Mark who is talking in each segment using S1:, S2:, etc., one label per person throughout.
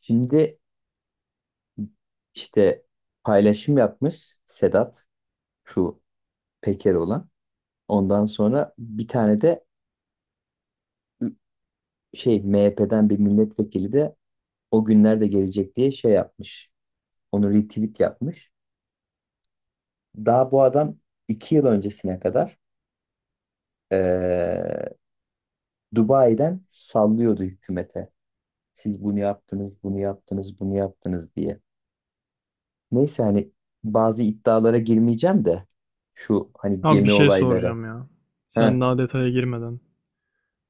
S1: Şimdi işte paylaşım yapmış Sedat şu Peker olan. Ondan sonra bir tane de şey MHP'den bir milletvekili de o günlerde gelecek diye şey yapmış. Onu retweet yapmış. Daha bu adam 2 yıl öncesine kadar eee, Dubai'den sallıyordu hükümete. Siz bunu yaptınız, bunu yaptınız, bunu yaptınız diye. Neyse hani bazı iddialara girmeyeceğim de şu hani
S2: Abi bir
S1: gemi
S2: şey
S1: olayları.
S2: soracağım ya.
S1: Heh.
S2: Sen daha detaya girmeden.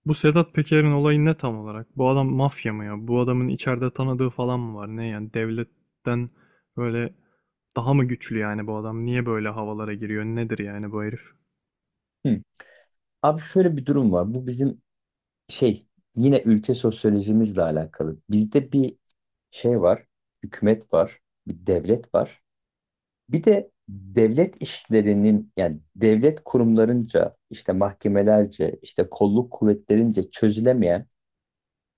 S2: Bu Sedat Peker'in olayı ne tam olarak? Bu adam mafya mı ya? Bu adamın içeride tanıdığı falan mı var? Ne yani devletten böyle daha mı güçlü yani bu adam? Niye böyle havalara giriyor? Nedir yani bu herif?
S1: Hı. Abi şöyle bir durum var. Bu bizim şey yine ülke sosyolojimizle alakalı. Bizde bir şey var, hükümet var, bir devlet var. Bir de devlet işlerinin yani devlet kurumlarınca, işte mahkemelerce, işte kolluk kuvvetlerince çözülemeyen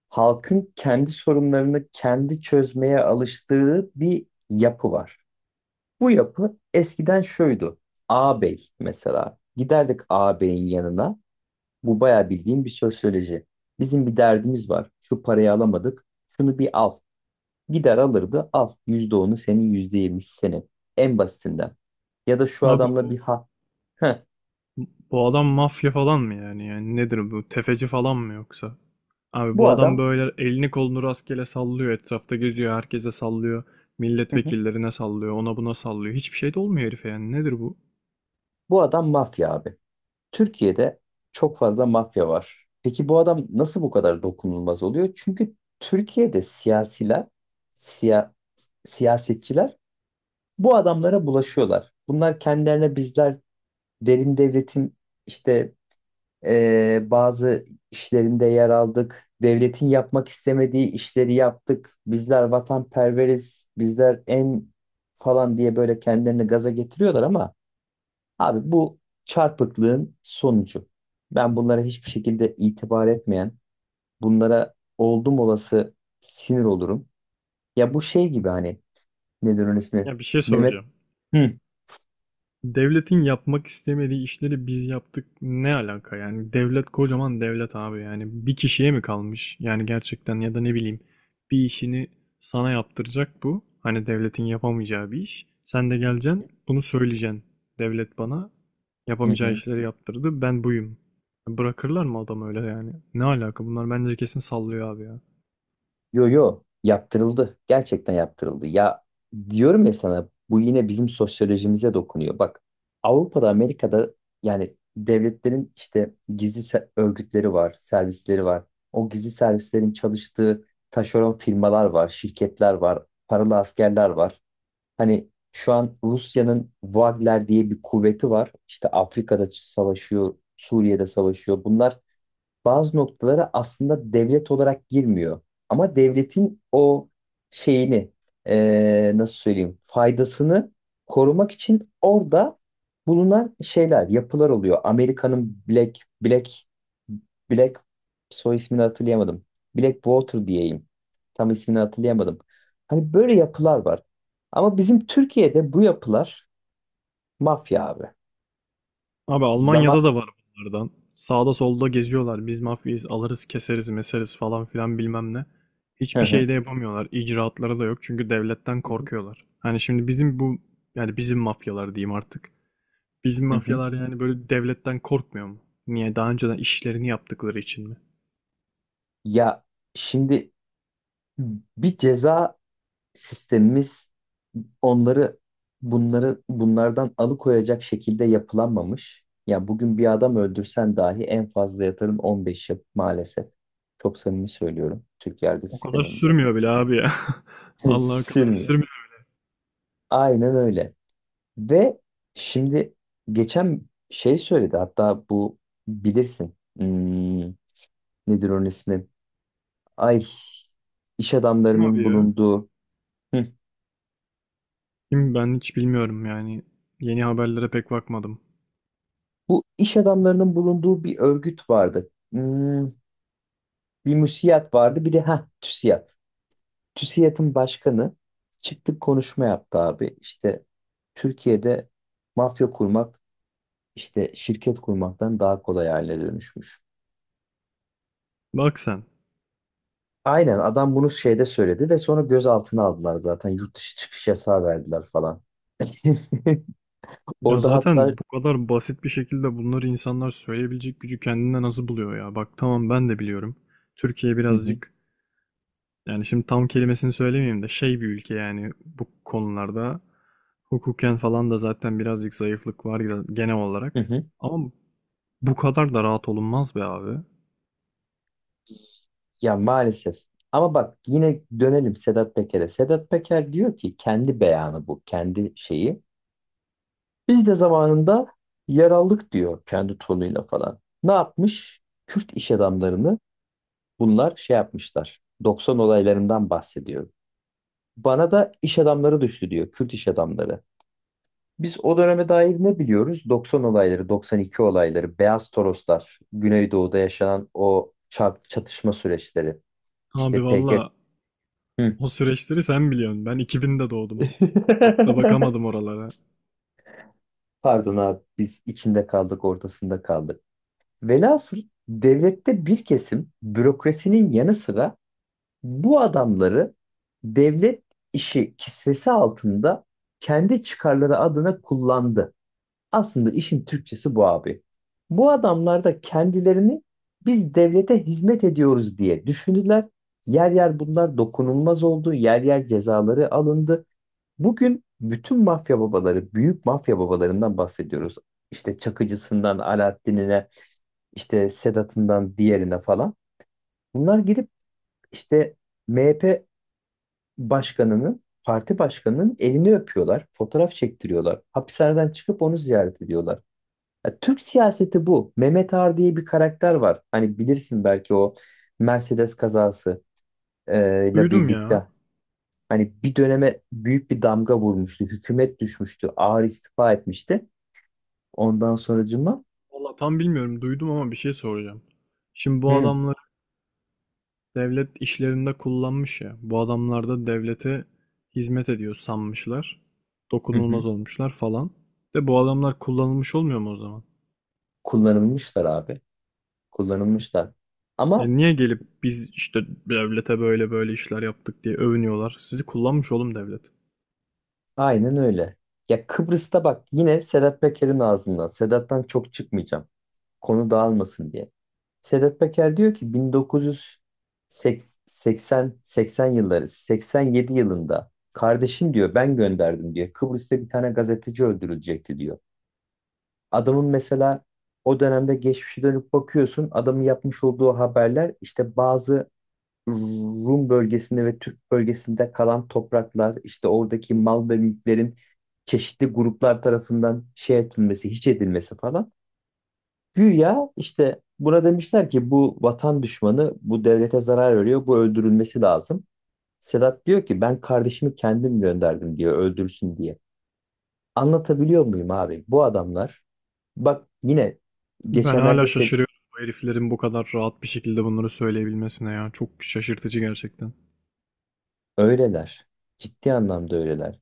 S1: halkın kendi sorunlarını kendi çözmeye alıştığı bir yapı var. Bu yapı eskiden şuydu. Ağabey mesela giderdik ağabeyin yanına. Bu bayağı bildiğim bir sosyoloji. Bizim bir derdimiz var. Şu parayı alamadık. Şunu bir al. Gider alırdı. Al. %10'u senin, %20'si senin. En basitinden. Ya da şu
S2: Abi
S1: adamla bir
S2: bu,
S1: ha. Heh.
S2: bu adam mafya falan mı yani? Yani nedir bu? Tefeci falan mı yoksa? Abi
S1: Bu
S2: bu adam
S1: adam.
S2: böyle elini kolunu rastgele sallıyor. Etrafta geziyor. Herkese sallıyor.
S1: Hı hı.
S2: Milletvekillerine sallıyor. Ona buna sallıyor. Hiçbir şey de olmuyor herife yani. Nedir bu?
S1: Bu adam mafya abi. Türkiye'de çok fazla mafya var. Peki bu adam nasıl bu kadar dokunulmaz oluyor? Çünkü Türkiye'de siyasiler, siya, siyasetçiler bu adamlara bulaşıyorlar. Bunlar kendilerine bizler derin devletin işte, bazı işlerinde yer aldık. Devletin yapmak istemediği işleri yaptık. Bizler vatanperveriz, bizler en falan diye böyle kendilerini gaza getiriyorlar ama abi bu çarpıklığın sonucu. Ben bunlara hiçbir şekilde itibar etmeyen, bunlara oldum olası sinir olurum. Ya bu şey gibi hani nedir onun ismi?
S2: Ya bir şey
S1: Mehmet.
S2: soracağım.
S1: Hı.
S2: Devletin yapmak istemediği işleri biz yaptık. Ne alaka yani? Devlet kocaman devlet abi yani. Bir kişiye mi kalmış? Yani gerçekten ya da ne bileyim bir işini sana yaptıracak bu. Hani devletin yapamayacağı bir iş. Sen de geleceksin bunu söyleyeceksin. Devlet bana
S1: Hı
S2: yapamayacağı
S1: hı.
S2: işleri yaptırdı. Ben buyum. Bırakırlar mı adam öyle yani? Ne alaka? Bunlar bence kesin sallıyor abi ya.
S1: Yo yo yaptırıldı. Gerçekten yaptırıldı. Ya diyorum ya sana bu yine bizim sosyolojimize dokunuyor. Bak Avrupa'da Amerika'da yani devletlerin işte gizli örgütleri var, servisleri var. O gizli servislerin çalıştığı taşeron firmalar var, şirketler var, paralı askerler var. Hani şu an Rusya'nın Wagner diye bir kuvveti var. İşte Afrika'da savaşıyor, Suriye'de savaşıyor. Bunlar bazı noktalara aslında devlet olarak girmiyor. Ama devletin o şeyini nasıl söyleyeyim faydasını korumak için orada bulunan şeyler, yapılar oluyor. Amerika'nın Black Black soy ismini hatırlayamadım. Blackwater diyeyim. Tam ismini hatırlayamadım. Hani böyle yapılar var. Ama bizim Türkiye'de bu yapılar mafya abi.
S2: Abi
S1: Zaman.
S2: Almanya'da da var bunlardan. Sağda solda geziyorlar. Biz mafyayız, alırız, keseriz, meseriz falan filan bilmem ne.
S1: Hı
S2: Hiçbir şey
S1: hı.
S2: de yapamıyorlar. İcraatları da yok çünkü devletten
S1: Hı hı.
S2: korkuyorlar. Hani şimdi bizim bu yani bizim mafyalar diyeyim artık. Bizim
S1: Hı hı.
S2: mafyalar yani böyle devletten korkmuyor mu? Niye? Daha önceden işlerini yaptıkları için mi?
S1: Ya şimdi bir ceza sistemimiz onları bunları bunlardan alıkoyacak şekilde yapılanmamış. Ya bugün bir adam öldürsen dahi en fazla yatarın 15 yıl maalesef. Çok samimi söylüyorum Türk yargı
S2: O kadar
S1: sisteminde.
S2: sürmüyor bile abi ya. Vallahi o kadar
S1: Sürmüyor.
S2: sürmüyor,
S1: Aynen öyle. Ve şimdi geçen şey söyledi hatta bu bilirsin. Nedir onun ismi? Ay iş
S2: değil mi
S1: adamlarının
S2: abi ya?
S1: bulunduğu. Hı.
S2: Şimdi ben hiç bilmiyorum yani. Yeni haberlere pek bakmadım.
S1: Bu iş adamlarının bulunduğu bir örgüt vardı. Bir müsiyat vardı, bir de ha TÜSİAD. TÜSİAD'ın başkanı çıktı konuşma yaptı abi. İşte Türkiye'de mafya kurmak, işte şirket kurmaktan daha kolay haline dönüşmüş.
S2: Bak sen.
S1: Aynen adam bunu şeyde söyledi ve sonra gözaltına aldılar zaten. Yurt dışı çıkış yasağı verdiler falan.
S2: Ya
S1: Orada hatta.
S2: zaten bu kadar basit bir şekilde bunları insanlar söyleyebilecek gücü kendinde nasıl buluyor ya? Bak tamam ben de biliyorum. Türkiye
S1: Hı hı,
S2: birazcık yani şimdi tam kelimesini söylemeyeyim de şey bir ülke yani bu konularda hukuken falan da zaten birazcık zayıflık var ya genel
S1: hı
S2: olarak.
S1: hı.
S2: Ama bu kadar da rahat olunmaz be abi.
S1: Ya maalesef. Ama bak yine dönelim Sedat Peker'e. Sedat Peker diyor ki kendi beyanı bu, kendi şeyi. Biz de zamanında yer aldık diyor kendi tonuyla falan. Ne yapmış? Kürt iş adamlarını bunlar şey yapmışlar. 90 olaylarından bahsediyor. Bana da iş adamları düştü diyor, Kürt iş adamları. Biz o döneme dair ne biliyoruz? 90 olayları, 92 olayları, Beyaz Toroslar, Güneydoğu'da yaşanan o çatışma süreçleri.
S2: Abi
S1: İşte PKK.
S2: valla o süreçleri sen biliyorsun. Ben 2000'de doğdum. Çok da bakamadım oralara.
S1: Pardon abi biz içinde kaldık ortasında kaldık. Velhasıl devlette bir kesim bürokrasinin yanı sıra bu adamları devlet işi kisvesi altında kendi çıkarları adına kullandı. Aslında işin Türkçesi bu abi. Bu adamlar da kendilerini biz devlete hizmet ediyoruz diye düşündüler. Yer yer bunlar dokunulmaz oldu. Yer yer cezaları alındı. Bugün bütün mafya babaları, büyük mafya babalarından bahsediyoruz. İşte Çakıcısından Alaaddin'ine, işte Sedat'ından diğerine falan. Bunlar gidip işte MHP başkanının, parti başkanının elini öpüyorlar, fotoğraf çektiriyorlar. Hapishaneden çıkıp onu ziyaret ediyorlar. Ya Türk siyaseti bu. Mehmet Ağar diye bir karakter var. Hani bilirsin belki o Mercedes kazası ile
S2: Duydum ya.
S1: birlikte. Hani bir döneme büyük bir damga vurmuştu. Hükümet düşmüştü. Ağar istifa etmişti. Ondan sonracıma.
S2: Valla tam bilmiyorum duydum ama bir şey soracağım. Şimdi bu
S1: Hı,
S2: adamlar devlet işlerinde kullanmış ya. Bu adamlar da devlete hizmet ediyor sanmışlar.
S1: hı hı.
S2: Dokunulmaz olmuşlar falan. De bu adamlar kullanılmış olmuyor mu o zaman?
S1: Kullanılmışlar abi. Kullanılmışlar.
S2: E
S1: Ama
S2: niye gelip biz işte devlete böyle böyle işler yaptık diye övünüyorlar? Sizi kullanmış oğlum devlet.
S1: aynen öyle. Ya Kıbrıs'ta bak yine Sedat Peker'in ağzından. Sedat'tan çok çıkmayacağım. Konu dağılmasın diye. Sedat Peker diyor ki 1980 80 yılları 87 yılında kardeşim diyor ben gönderdim diyor. Kıbrıs'ta bir tane gazeteci öldürülecekti diyor. Adamın mesela o dönemde geçmişe dönüp bakıyorsun adamın yapmış olduğu haberler işte bazı Rum bölgesinde ve Türk bölgesinde kalan topraklar, işte oradaki mal ve mülklerin çeşitli gruplar tarafından şey edilmesi, hiç edilmesi falan. Güya işte buna demişler ki bu vatan düşmanı, bu devlete zarar veriyor, bu öldürülmesi lazım. Sedat diyor ki ben kardeşimi kendim gönderdim diyor öldürsün diye. Anlatabiliyor muyum abi? Bu adamlar bak yine
S2: Ben
S1: geçenlerde
S2: hala şaşırıyorum bu heriflerin bu kadar rahat bir şekilde bunları söyleyebilmesine ya. Çok şaşırtıcı gerçekten.
S1: öyleler. Ciddi anlamda öyleler.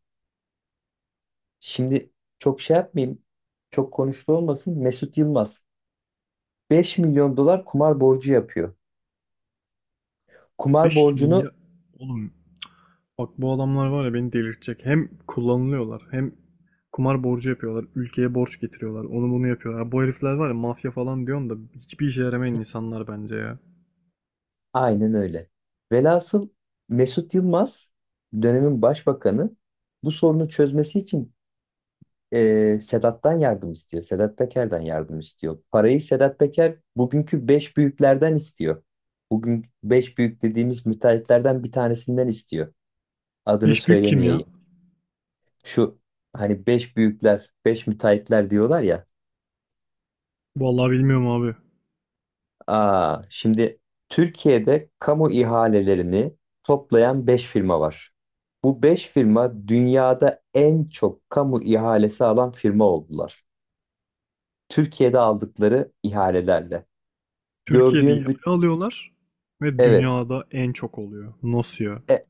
S1: Şimdi çok şey yapmayayım. Çok konuştu olmasın. Mesut Yılmaz 5 milyon dolar kumar borcu yapıyor. Kumar
S2: 5
S1: borcunu.
S2: milyar oğlum bak bu adamlar var ya beni delirtecek. Hem kullanılıyorlar hem kumar borcu yapıyorlar. Ülkeye borç getiriyorlar. Onu bunu yapıyorlar. Bu herifler var ya mafya falan diyorum da hiçbir işe yaramayan insanlar bence ya.
S1: Aynen öyle. Velhasıl Mesut Yılmaz dönemin başbakanı bu sorunu çözmesi için Sedat'tan yardım istiyor. Sedat Peker'den yardım istiyor. Parayı Sedat Peker bugünkü 5 büyüklerden istiyor. Bugün 5 büyük dediğimiz müteahhitlerden bir tanesinden istiyor. Adını
S2: Eş büyük kim ya?
S1: söylemeyeyim. Şu hani beş büyükler, beş müteahhitler diyorlar ya.
S2: Vallahi bilmiyorum abi.
S1: Aa, şimdi Türkiye'de kamu ihalelerini toplayan beş firma var. Bu beş firma dünyada en çok kamu ihalesi alan firma oldular. Türkiye'de aldıkları ihalelerle.
S2: Türkiye'de
S1: Gördüğüm
S2: ihale
S1: büt-
S2: alıyorlar ve
S1: evet.
S2: dünyada en çok oluyor. Nasıl ya?
S1: E,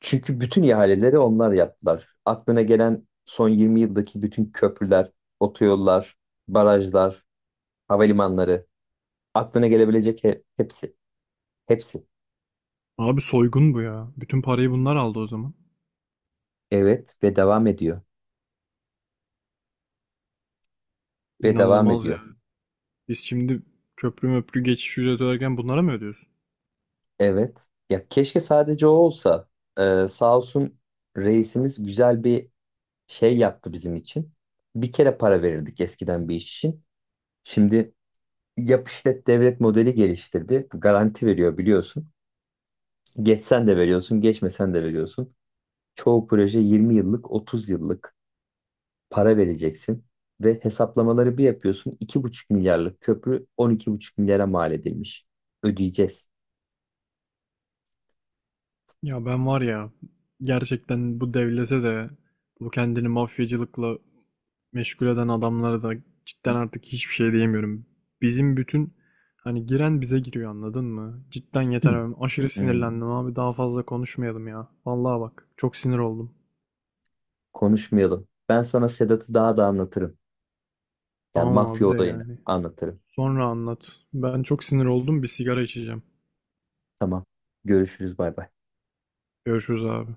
S1: çünkü bütün ihaleleri onlar yaptılar. Aklına gelen son 20 yıldaki bütün köprüler, otoyollar, barajlar, havalimanları, aklına gelebilecek hepsi. Hepsi.
S2: Abi soygun bu ya. Bütün parayı bunlar aldı o zaman.
S1: Evet ve devam ediyor. Ve devam
S2: İnanılmaz ya.
S1: ediyor.
S2: Biz şimdi köprü möprü geçiş ücreti öderken bunlara mı ödüyoruz?
S1: Evet. Ya keşke sadece o olsa. Sağ olsun reisimiz güzel bir şey yaptı bizim için. Bir kere para verirdik eskiden bir iş için. Şimdi yap işlet devlet modeli geliştirdi. Garanti veriyor biliyorsun. Geçsen de veriyorsun, geçmesen de veriyorsun. Çoğu proje 20 yıllık, 30 yıllık para vereceksin. Ve hesaplamaları bir yapıyorsun. 2,5 milyarlık köprü 12,5 milyara mal edilmiş. Ödeyeceğiz.
S2: Ya ben var ya gerçekten bu devlete de bu kendini mafyacılıkla meşgul eden adamlara da
S1: Hı.
S2: cidden artık hiçbir şey diyemiyorum. Bizim bütün hani giren bize giriyor anladın mı? Cidden yeter abi. Aşırı
S1: Hmm,
S2: sinirlendim abi. Daha fazla konuşmayalım ya. Vallahi bak çok sinir oldum.
S1: konuşmayalım. Ben sana Sedat'ı daha da anlatırım. Yani
S2: Tamam
S1: mafya
S2: abi de
S1: olayını
S2: yani.
S1: anlatırım.
S2: Sonra anlat. Ben çok sinir oldum. Bir sigara içeceğim.
S1: Tamam. Görüşürüz. Bay bay.
S2: Görüşürüz abi.